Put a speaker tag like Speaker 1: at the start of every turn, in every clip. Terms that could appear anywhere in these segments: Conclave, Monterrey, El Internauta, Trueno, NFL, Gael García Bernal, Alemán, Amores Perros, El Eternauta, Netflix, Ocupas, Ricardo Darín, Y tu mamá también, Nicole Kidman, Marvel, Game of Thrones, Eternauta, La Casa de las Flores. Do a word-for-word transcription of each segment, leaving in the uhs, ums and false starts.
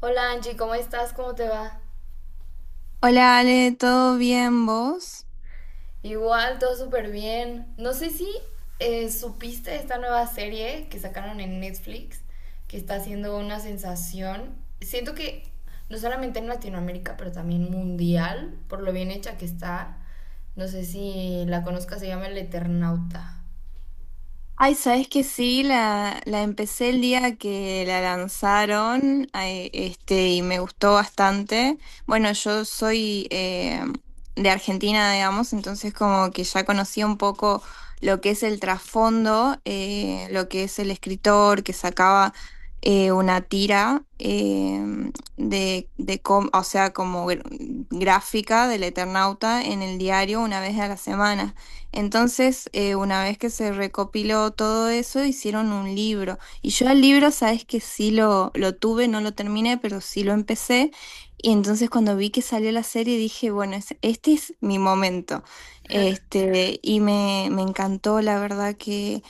Speaker 1: Hola Angie, ¿cómo estás? ¿Cómo te va?
Speaker 2: Hola Ale, ¿todo bien vos?
Speaker 1: Igual, todo súper bien. No sé si eh, supiste esta nueva serie que sacaron en Netflix, que está haciendo una sensación. Siento que no solamente en Latinoamérica, pero también mundial, por lo bien hecha que está. No sé si la conozcas, se llama El Eternauta.
Speaker 2: Ay, sabes que sí, la, la empecé el día que la lanzaron, ay, este, y me gustó bastante. Bueno, yo soy eh, de Argentina, digamos, entonces como que ya conocí un poco lo que es el trasfondo, eh, lo que es el escritor que sacaba eh, una tira em, de, de com- o sea, como gr- gráfica del Eternauta en el diario una vez a la semana. Entonces, eh, una vez que se recopiló todo eso, hicieron un libro. Y yo al libro, sabes que sí lo, lo tuve, no lo terminé, pero sí lo empecé. Y entonces cuando vi que salió la serie, dije, bueno, es- este es mi momento. Este, y me, me encantó, la verdad que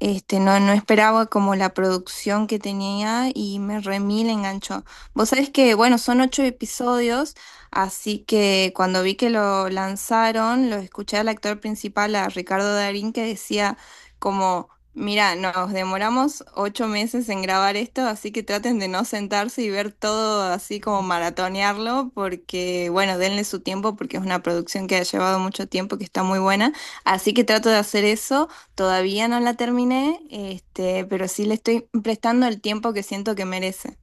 Speaker 2: este, no, no esperaba como la producción que tenía y me remil enganchó. Vos sabés que, bueno, son ocho episodios. Así que cuando vi que lo lanzaron, lo escuché al actor principal, a Ricardo Darín, que decía como, mira, nos demoramos ocho meses en grabar esto, así que traten de no sentarse y ver todo así como maratonearlo, porque bueno, denle su tiempo, porque es una producción que ha llevado mucho tiempo, que está muy buena. Así que trato de hacer eso, todavía no la terminé, este, pero sí le estoy prestando el tiempo que siento que merece.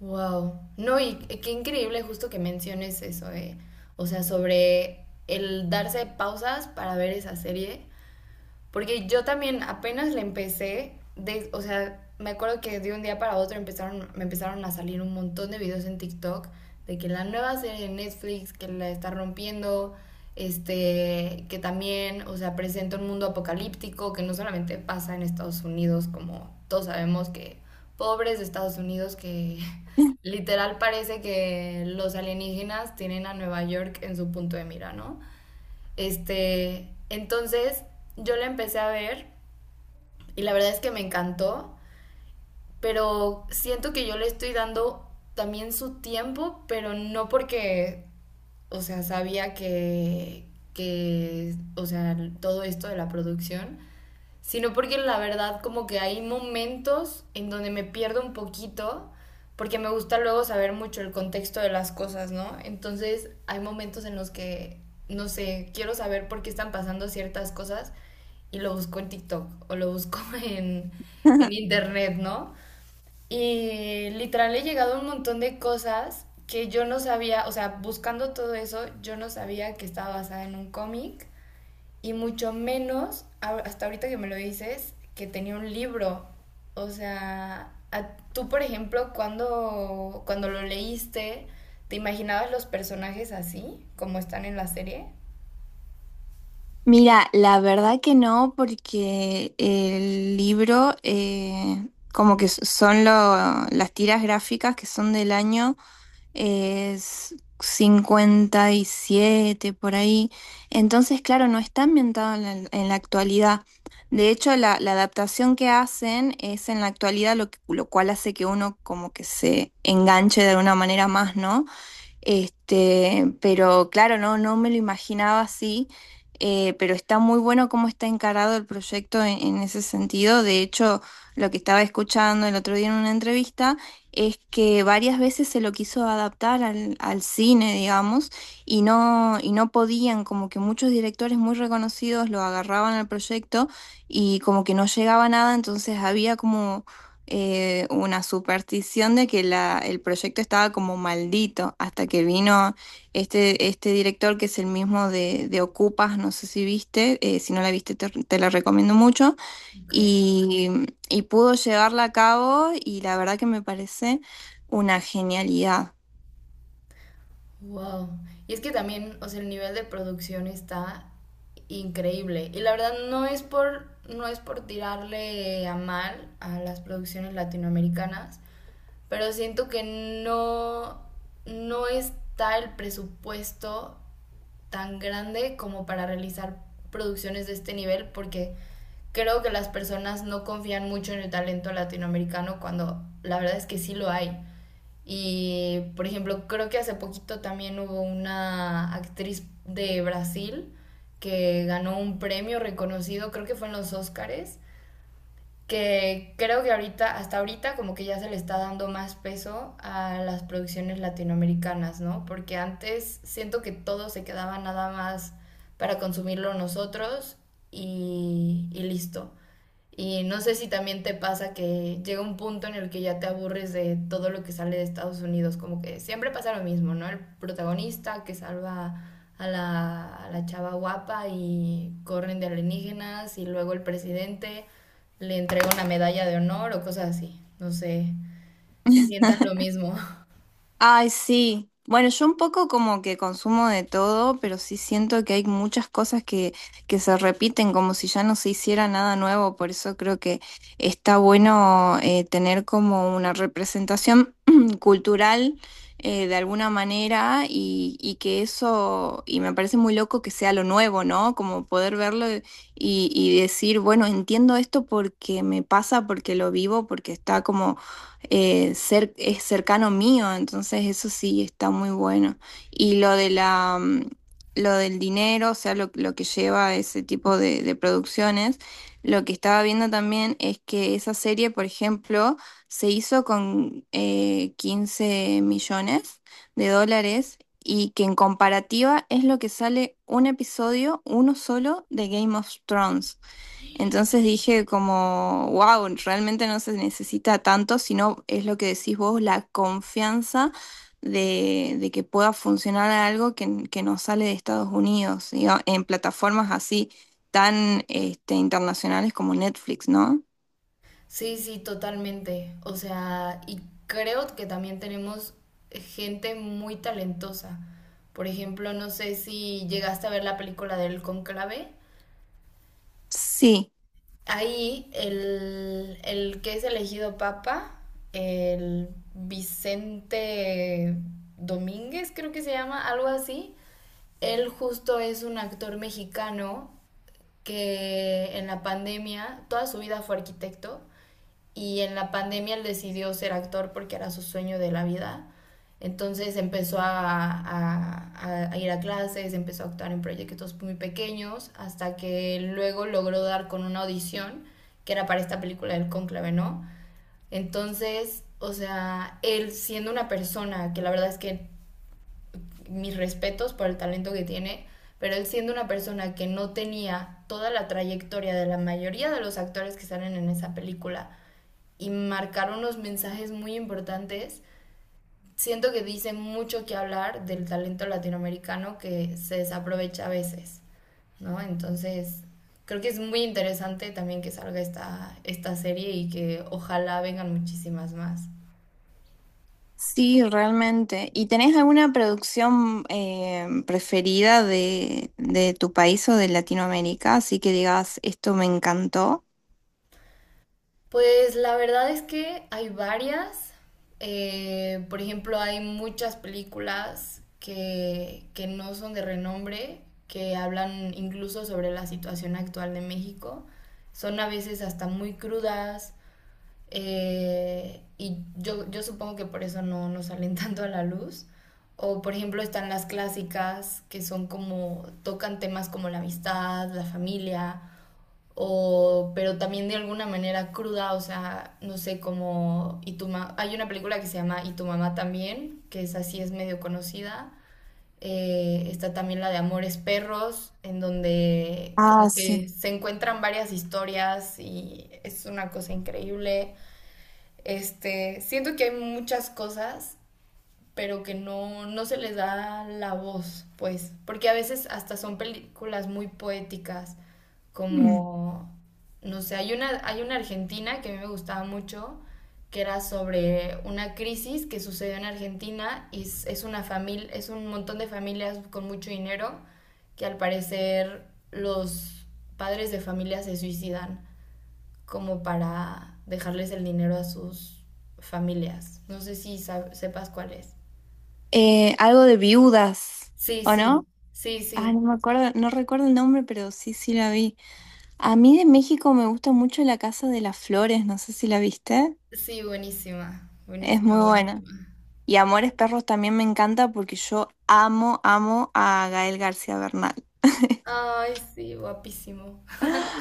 Speaker 1: Wow. No, y qué increíble justo que menciones eso, ¿eh? O sea, sobre el darse pausas para ver esa serie. Porque yo también apenas le empecé, de, o sea, me acuerdo que de un día para otro empezaron, me empezaron a salir un montón de videos en TikTok de que la nueva serie de Netflix que la está rompiendo, este, que también, o sea, presenta un mundo apocalíptico que no solamente pasa en Estados Unidos, como todos sabemos que pobres de Estados Unidos que literal parece que los alienígenas tienen a Nueva York en su punto de mira, ¿no? Este, entonces yo la empecé a ver y la verdad es que me encantó, pero siento que yo le estoy dando también su tiempo, pero no porque, o sea, sabía que, que, o sea, todo esto de la producción, sino porque la verdad como que hay momentos en donde me pierdo un poquito, porque me gusta luego saber mucho el contexto de las cosas, ¿no? Entonces hay momentos en los que, no sé, quiero saber por qué están pasando ciertas cosas y lo busco en TikTok o lo busco en, en internet, ¿no? Y literal he llegado a un montón de cosas que yo no sabía, o sea, buscando todo eso, yo no sabía que estaba basada en un cómic y mucho menos, hasta ahorita que me lo dices, que tenía un libro. O sea, tú, por ejemplo, cuando, cuando lo leíste, ¿te imaginabas los personajes así, como están en la serie?
Speaker 2: Mira, la verdad que no, porque el libro, eh, como que s- son lo- las tiras gráficas que son del año, es cincuenta y siete por ahí. Entonces, claro, no está ambientado en la, en la actualidad. De hecho, la, la adaptación que hacen es en la actualidad, lo, que- lo cual hace que uno como que se enganche de alguna manera más, ¿no? Este, pero claro, no, no me lo imaginaba así, eh, pero está muy bueno cómo está encarado el proyecto en, en ese sentido. De hecho, lo que estaba escuchando el otro día en una entrevista es que varias veces se lo quiso adaptar al, al cine, digamos, y no, y no podían, como que muchos directores muy reconocidos lo agarraban al proyecto y como que no llegaba a nada, entonces había como eh, una superstición de que la, el proyecto estaba como maldito, hasta que vino este, este director que es el mismo de, de Ocupas, no sé si viste, eh, si no la viste te, te la recomiendo mucho,
Speaker 1: Ok,
Speaker 2: y, y pudo llevarla a cabo y la verdad que me parece una genialidad.
Speaker 1: wow. Y es que también, o sea, el nivel de producción está increíble. Y la verdad no es por, no es por tirarle a mal a las producciones latinoamericanas, pero siento que no, no está el presupuesto tan grande como para realizar producciones de este nivel porque creo que las personas no confían mucho en el talento latinoamericano cuando la verdad es que sí lo hay. Y por ejemplo, creo que hace poquito también hubo una actriz de Brasil que ganó un premio reconocido, creo que fue en los Óscares, que creo que ahorita, hasta ahorita, como que ya se le está dando más peso a las producciones latinoamericanas, ¿no? Porque antes siento que todo se quedaba nada más para consumirlo nosotros y, y listo. Y no sé si también te pasa que llega un punto en el que ya te aburres de todo lo que sale de Estados Unidos, como que siempre pasa lo mismo, ¿no? El protagonista que salva a la, a la chava guapa y corren de alienígenas y luego el presidente le entrega una medalla de honor o cosas así. No sé si sientas lo mismo.
Speaker 2: Ay, sí. Bueno, yo un poco como que consumo de todo, pero sí siento que hay muchas cosas que, que se repiten como si ya no se hiciera nada nuevo. Por eso creo que está bueno eh, tener como una representación cultural eh, de alguna manera y, y que eso, y me parece muy loco que sea lo nuevo, ¿no? Como poder verlo y, y decir, bueno, entiendo esto porque me pasa, porque lo vivo, porque está como eh, cer- es cercano mío, entonces eso sí está muy bueno. Y lo de la, mm, lo del dinero, o sea, lo, lo que lleva ese tipo de, de producciones, lo que estaba viendo también es que esa serie, por ejemplo, se hizo con eh, quince millones de dólares y que en comparativa es lo que sale un episodio, uno solo, de Game of Thrones. Entonces dije como, wow, realmente no se necesita tanto, sino es lo que decís vos, la confianza de, de que pueda funcionar algo que, que nos sale de Estados Unidos, diga- en plataformas así tan este, internacionales como Netflix, ¿no?
Speaker 1: Sí, sí, totalmente. O sea, y creo que también tenemos gente muy talentosa. Por ejemplo, no sé si llegaste a ver la película del Conclave.
Speaker 2: Sí,
Speaker 1: Ahí el, el que es elegido papa, el Vicente Domínguez, creo que se llama, algo así. Él justo es un actor mexicano que en la pandemia toda su vida fue arquitecto y en la pandemia él decidió ser actor porque era su sueño de la vida. Entonces empezó a, a, a, ir a clases, empezó a actuar en proyectos muy pequeños, hasta que luego logró dar con una audición que era para esta película del cónclave, ¿no? Entonces, o sea, él siendo una persona que la verdad es que mis respetos por el talento que tiene, pero él siendo una persona que no tenía toda la trayectoria de la mayoría de los actores que salen en esa película, y marcar unos mensajes muy importantes. Siento que dicen mucho que hablar del talento latinoamericano que se desaprovecha a veces, ¿no? Entonces, creo que es muy interesante también que salga esta, esta serie y que ojalá vengan muchísimas más.
Speaker 2: sí, realmente. ¿Y tenés alguna producción eh, preferida de, de tu país o de Latinoamérica? Así que digas, esto me encantó.
Speaker 1: Pues la verdad es que hay varias. Eh, por ejemplo, hay muchas películas que, que no son de renombre, que hablan incluso sobre la situación actual de México. Son a veces hasta muy crudas eh, y yo, yo supongo que por eso no, no salen tanto a la luz. O por ejemplo están las clásicas que son como, tocan temas como la amistad, la familia o, pero también de alguna manera cruda, o sea, no sé, como, y tu ma- hay una película que se llama Y tu mamá también, que es así, es medio conocida. Eh, está también la de Amores Perros, en donde como
Speaker 2: Ah, sí.
Speaker 1: que se encuentran varias historias y es una cosa increíble. Este, siento que hay muchas cosas pero que no, no se les da la voz, pues, porque a veces hasta son películas muy poéticas, como, no sé, hay una, hay una argentina que a mí me gustaba mucho, que era sobre una crisis que sucedió en Argentina y es, es una familia, es un montón de familias con mucho dinero que al parecer los padres de familia se suicidan como para dejarles el dinero a sus familias. No sé si sab- sepas cuál es.
Speaker 2: Eh, algo de viudas,
Speaker 1: Sí,
Speaker 2: ¿o
Speaker 1: sí,
Speaker 2: no?
Speaker 1: sí,
Speaker 2: Ah,
Speaker 1: sí.
Speaker 2: no me acuerdo, no recuerdo el nombre, pero sí, sí la vi. A mí de México me gusta mucho La Casa de las Flores, no sé si la viste.
Speaker 1: Sí, buenísima,
Speaker 2: Es
Speaker 1: buenísima,
Speaker 2: muy buena.
Speaker 1: buenísima.
Speaker 2: Y Amores Perros también me encanta porque yo amo, amo a Gael García Bernal.
Speaker 1: Ay, sí, guapísimo.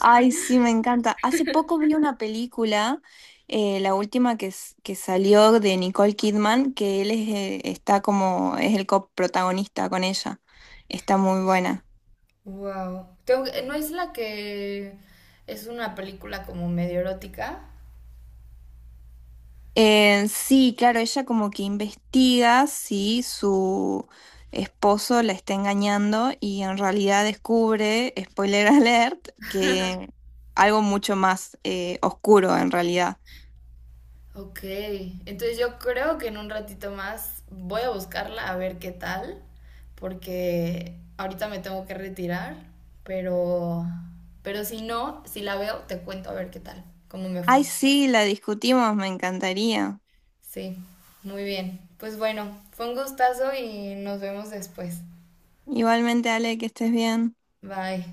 Speaker 2: Ay, sí, me encanta. Hace poco vi una película, eh, la última que, s- que salió de Nicole Kidman, que él es, eh, está como, es el coprotagonista con ella. Está muy buena.
Speaker 1: Wow. Tengo que- ¿No es la que es una película como medio erótica?
Speaker 2: Eh, sí, claro, ella como que investiga si su esposo la está engañando y en realidad descubre, spoiler alert, que algo mucho más eh, oscuro en realidad.
Speaker 1: Ok, entonces yo creo que en un ratito más voy a buscarla a ver qué tal, porque ahorita me tengo que retirar, pero, pero si no, si la veo, te cuento a ver qué tal, cómo me
Speaker 2: Ay,
Speaker 1: fue.
Speaker 2: sí, la discutimos, me encantaría.
Speaker 1: Sí, muy bien. Pues bueno, fue un gustazo y nos vemos después.
Speaker 2: Igualmente, Ale, que estés bien.
Speaker 1: Bye.